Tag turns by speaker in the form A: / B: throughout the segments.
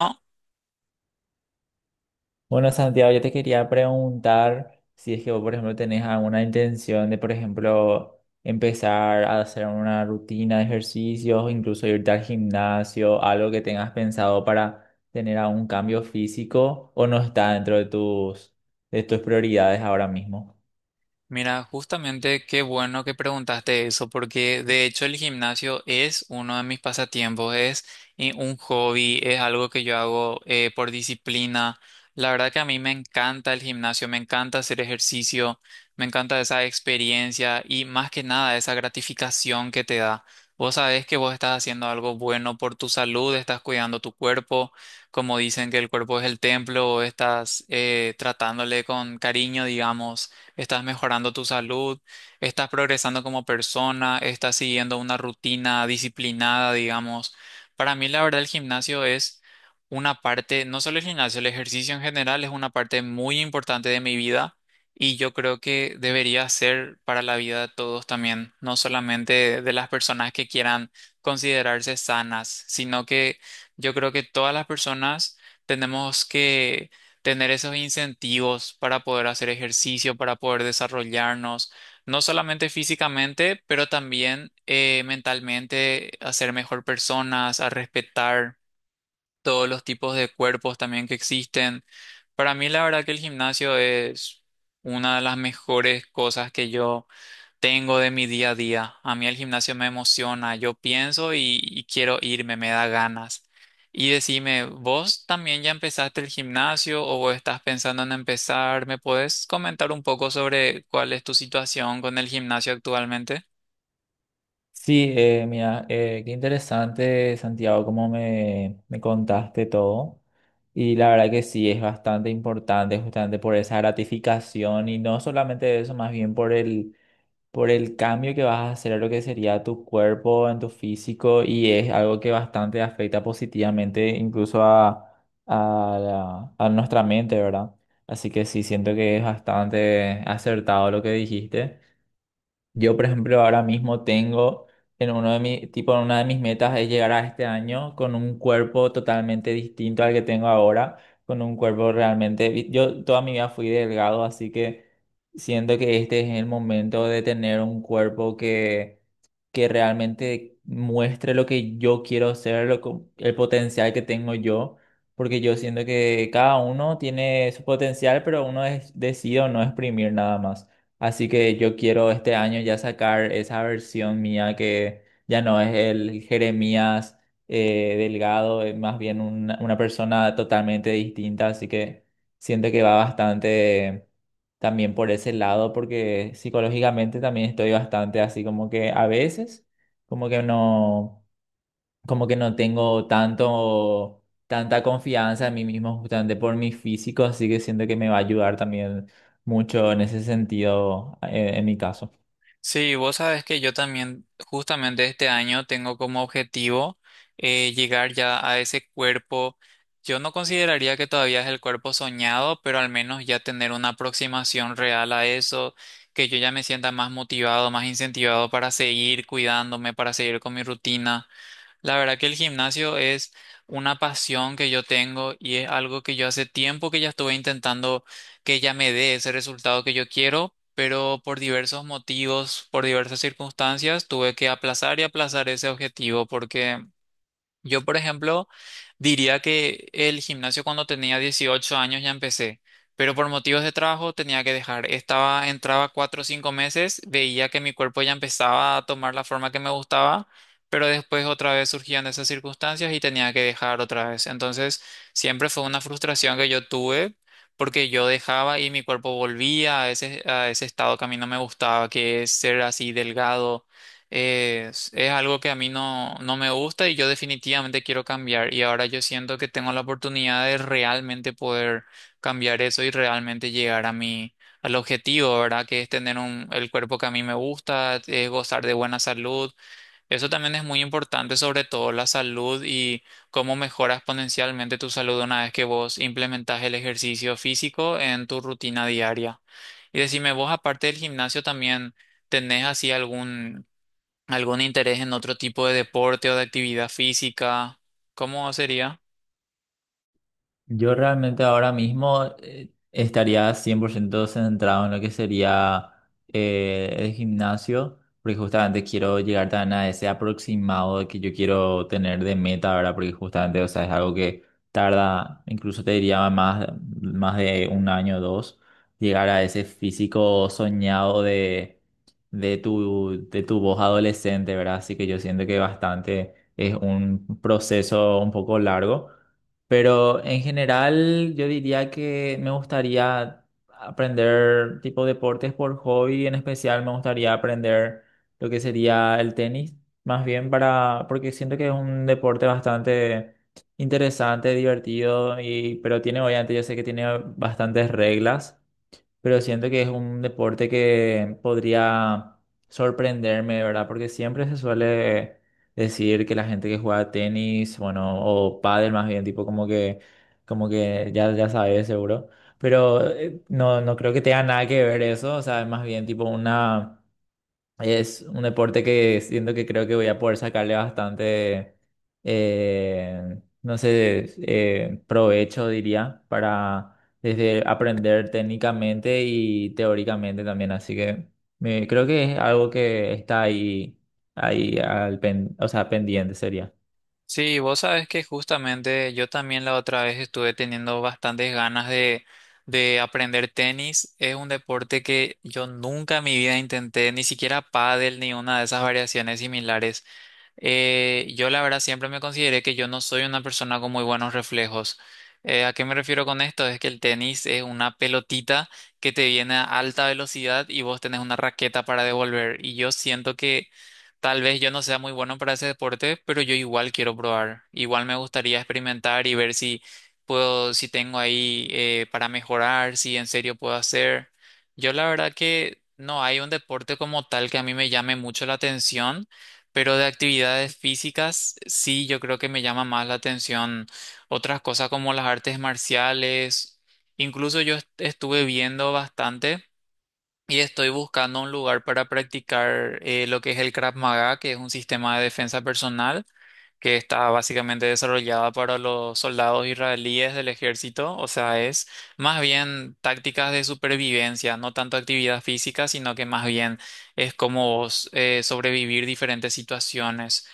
A: Ah,
B: Bueno, Santiago, yo te quería preguntar si es que vos, por ejemplo, tenés alguna intención de, por ejemplo, empezar a hacer una rutina de ejercicios, o incluso irte al gimnasio, algo que tengas pensado para tener algún cambio físico o no está dentro de tus prioridades ahora mismo.
A: mira, justamente qué bueno que preguntaste eso, porque de hecho el gimnasio es uno de mis pasatiempos, es un hobby, es algo que yo hago por disciplina. La verdad que a mí me encanta el gimnasio, me encanta hacer ejercicio, me encanta esa experiencia y más que nada esa gratificación que te da. Vos sabés que vos estás haciendo algo bueno por tu salud, estás cuidando tu cuerpo, como dicen que el cuerpo es el templo, estás tratándole con cariño, digamos. Estás mejorando tu salud, estás progresando como persona, estás siguiendo una rutina disciplinada, digamos. Para mí, la verdad, el gimnasio es una parte, no solo el gimnasio, el ejercicio en general es una parte muy importante de mi vida y yo creo que debería ser para la vida de todos también, no solamente de las personas que quieran considerarse sanas, sino que yo creo que todas las personas tenemos que tener esos incentivos para poder hacer ejercicio, para poder desarrollarnos, no solamente físicamente, pero también mentalmente, a ser mejor personas, a respetar todos los tipos de cuerpos también que existen. Para mí, la verdad que el gimnasio es una de las mejores cosas que yo tengo de mi día a día. A mí el gimnasio me emociona, yo pienso y quiero irme, me da ganas. Y decime, ¿vos también ya empezaste el gimnasio o vos estás pensando en empezar? ¿Me puedes comentar un poco sobre cuál es tu situación con el gimnasio actualmente?
B: Sí, mira, qué interesante, Santiago, cómo me contaste todo. Y la verdad que sí, es bastante importante justamente por esa gratificación y no solamente eso, más bien por por el cambio que vas a hacer a lo que sería tu cuerpo, en tu físico, y es algo que bastante afecta positivamente incluso a, a nuestra mente, ¿verdad? Así que sí, siento que es bastante acertado lo que dijiste. Yo, por ejemplo, ahora mismo tengo en uno de mi, tipo, en una de mis metas es llegar a este año con un cuerpo totalmente distinto al que tengo ahora, con un cuerpo realmente, yo toda mi vida fui delgado, así que siento que este es el momento de tener un cuerpo que realmente muestre lo que yo quiero ser, el potencial que tengo yo, porque yo siento que cada uno tiene su potencial, pero uno es, decide o no exprimir nada más. Así que yo quiero este año ya sacar esa versión mía que ya no es el Jeremías Delgado, es más bien una persona totalmente distinta. Así que siento que va bastante también por ese lado, porque psicológicamente también estoy bastante así como que a veces, como que no como que no tengo tanta confianza en mí mismo justamente por mi físico, así que siento que me va a ayudar también mucho en ese sentido, en mi caso.
A: Sí, vos sabes que yo también justamente este año tengo como objetivo llegar ya a ese cuerpo. Yo no consideraría que todavía es el cuerpo soñado, pero al menos ya tener una aproximación real a eso, que yo ya me sienta más motivado, más incentivado para seguir cuidándome, para seguir con mi rutina. La verdad que el gimnasio es una pasión que yo tengo y es algo que yo hace tiempo que ya estuve intentando que ya me dé ese resultado que yo quiero, pero por diversos motivos, por diversas circunstancias, tuve que aplazar y aplazar ese objetivo porque yo, por ejemplo, diría que el gimnasio cuando tenía 18 años ya empecé, pero por motivos de trabajo tenía que dejar. Estaba, entraba 4 o 5 meses, veía que mi cuerpo ya empezaba a tomar la forma que me gustaba, pero después otra vez surgían esas circunstancias y tenía que dejar otra vez. Entonces, siempre fue una frustración que yo tuve porque yo dejaba y mi cuerpo volvía a ese estado que a mí no me gustaba, que es ser así delgado es algo que a mí no me gusta y yo definitivamente quiero cambiar. Y ahora yo siento que tengo la oportunidad de realmente poder cambiar eso y realmente llegar a mi, al objetivo, ¿verdad? Que es tener un, el cuerpo que a mí me gusta, es gozar de buena salud. Eso también es muy importante, sobre todo la salud y cómo mejoras exponencialmente tu salud una vez que vos implementas el ejercicio físico en tu rutina diaria. Y decime, vos aparte del gimnasio también... ¿Tenés así algún ¿Algún interés en otro tipo de deporte o de actividad física? ¿Cómo sería?
B: Yo realmente ahora mismo estaría 100% centrado en lo que sería el gimnasio, porque justamente quiero llegar tan a ese aproximado que yo quiero tener de meta, ¿verdad? Porque justamente, o sea, es algo que tarda, incluso te diría más de un año o dos, llegar a ese físico soñado de, de tu voz adolescente, ¿verdad? Así que yo siento que bastante es un proceso un poco largo. Pero en general yo diría que me gustaría aprender tipo deportes por hobby, en especial me gustaría aprender lo que sería el tenis, más bien para, porque siento que es un deporte bastante interesante, divertido, y, pero tiene, obviamente yo sé que tiene bastantes reglas, pero siento que es un deporte que podría sorprenderme, ¿verdad? Porque siempre se suele decir que la gente que juega tenis, bueno, o pádel más bien, tipo como que ya, ya sabes seguro, pero no, no creo que tenga nada que ver eso, o sea, es más bien tipo una es un deporte que siento que creo que voy a poder sacarle bastante, no sé, provecho, diría, para desde aprender técnicamente y teóricamente también. Así que creo que es algo que está o sea, pendiente sería.
A: Sí, vos sabes que justamente yo también la otra vez estuve teniendo bastantes ganas de aprender tenis. Es un deporte que yo nunca en mi vida intenté, ni siquiera pádel ni una de esas variaciones similares. Yo la verdad siempre me consideré que yo no soy una persona con muy buenos reflejos. ¿A qué me refiero con esto? Es que el tenis es una pelotita que te viene a alta velocidad y vos tenés una raqueta para devolver. Y yo siento que tal vez yo no sea muy bueno para ese deporte, pero yo igual quiero probar. Igual me gustaría experimentar y ver si puedo, si tengo ahí para mejorar, si en serio puedo hacer. Yo la verdad que no hay un deporte como tal que a mí me llame mucho la atención. Pero de actividades físicas, sí, yo creo que me llama más la atención otras cosas como las artes marciales. Incluso yo estuve viendo bastante y estoy buscando un lugar para practicar lo que es el Krav Maga, que es un sistema de defensa personal que está básicamente desarrollada para los soldados israelíes del ejército, o sea, es más bien tácticas de supervivencia, no tanto actividad física, sino que más bien es como vos, sobrevivir diferentes situaciones.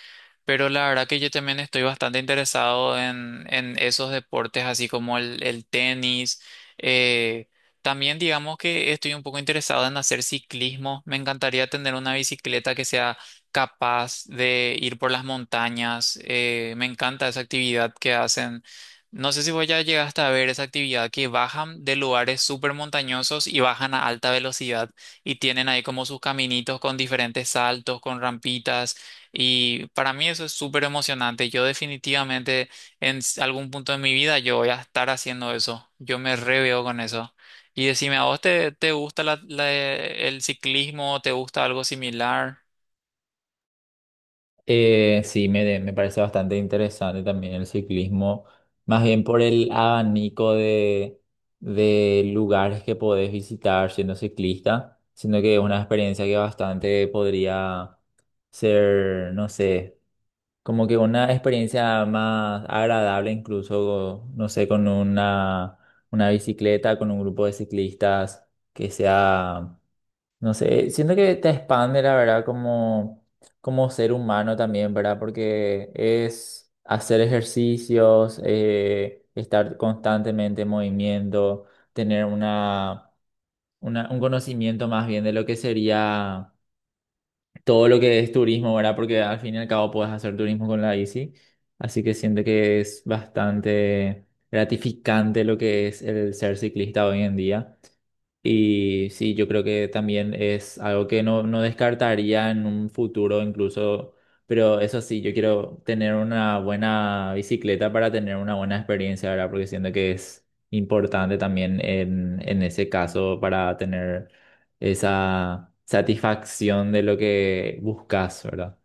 A: Pero la verdad que yo también estoy bastante interesado en esos deportes, así como el tenis. eh, También digamos que estoy un poco interesado en hacer ciclismo. Me encantaría tener una bicicleta que sea capaz de ir por las montañas. Me encanta esa actividad que hacen. No sé si voy a llegar hasta ver esa actividad que bajan de lugares súper montañosos y bajan a alta velocidad y tienen ahí como sus caminitos con diferentes saltos, con rampitas. Y para mí eso es súper emocionante. Yo definitivamente algún punto de mi vida yo voy a estar haciendo eso. Yo me reveo con eso. Y decime, ¿a vos te, te gusta el ciclismo? ¿Te gusta algo similar?
B: Sí, me parece bastante interesante también el ciclismo, más bien por el abanico de lugares que podés visitar siendo ciclista, siendo que es una experiencia que bastante podría ser, no sé, como que una experiencia más agradable incluso, no sé, con una bicicleta, con un grupo de ciclistas que sea no sé, siento que te expande, la verdad, como ser humano también, ¿verdad? Porque es hacer ejercicios, estar constantemente en movimiento, tener un conocimiento más bien de lo que sería todo lo que es turismo, ¿verdad? Porque al fin y al cabo puedes hacer turismo con la bici. Así que siento que es bastante gratificante lo que es el ser ciclista hoy en día. Y sí, yo creo que también es algo que no descartaría en un futuro incluso, pero eso sí, yo quiero tener una buena bicicleta para tener una buena experiencia, ¿verdad? Porque siento que es importante también en ese caso para tener esa satisfacción de lo que buscas, ¿verdad?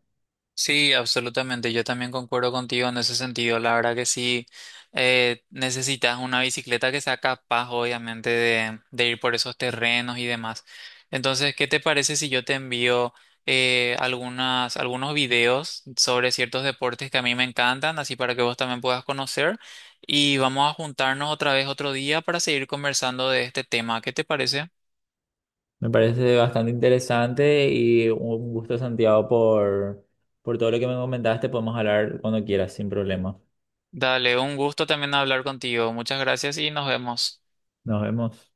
A: Sí, absolutamente. Yo también concuerdo contigo en ese sentido. La verdad que sí, necesitas una bicicleta que sea capaz, obviamente, de ir por esos terrenos y demás. Entonces, ¿qué te parece si yo te envío algunas, algunos videos sobre ciertos deportes que a mí me encantan, así para que vos también puedas conocer? Y vamos a juntarnos otra vez otro día para seguir conversando de este tema. ¿Qué te parece?
B: Me parece bastante interesante y un gusto, Santiago, por todo lo que me comentaste. Podemos hablar cuando quieras, sin problema.
A: Dale, un gusto también hablar contigo. Muchas gracias y nos vemos.
B: Nos vemos.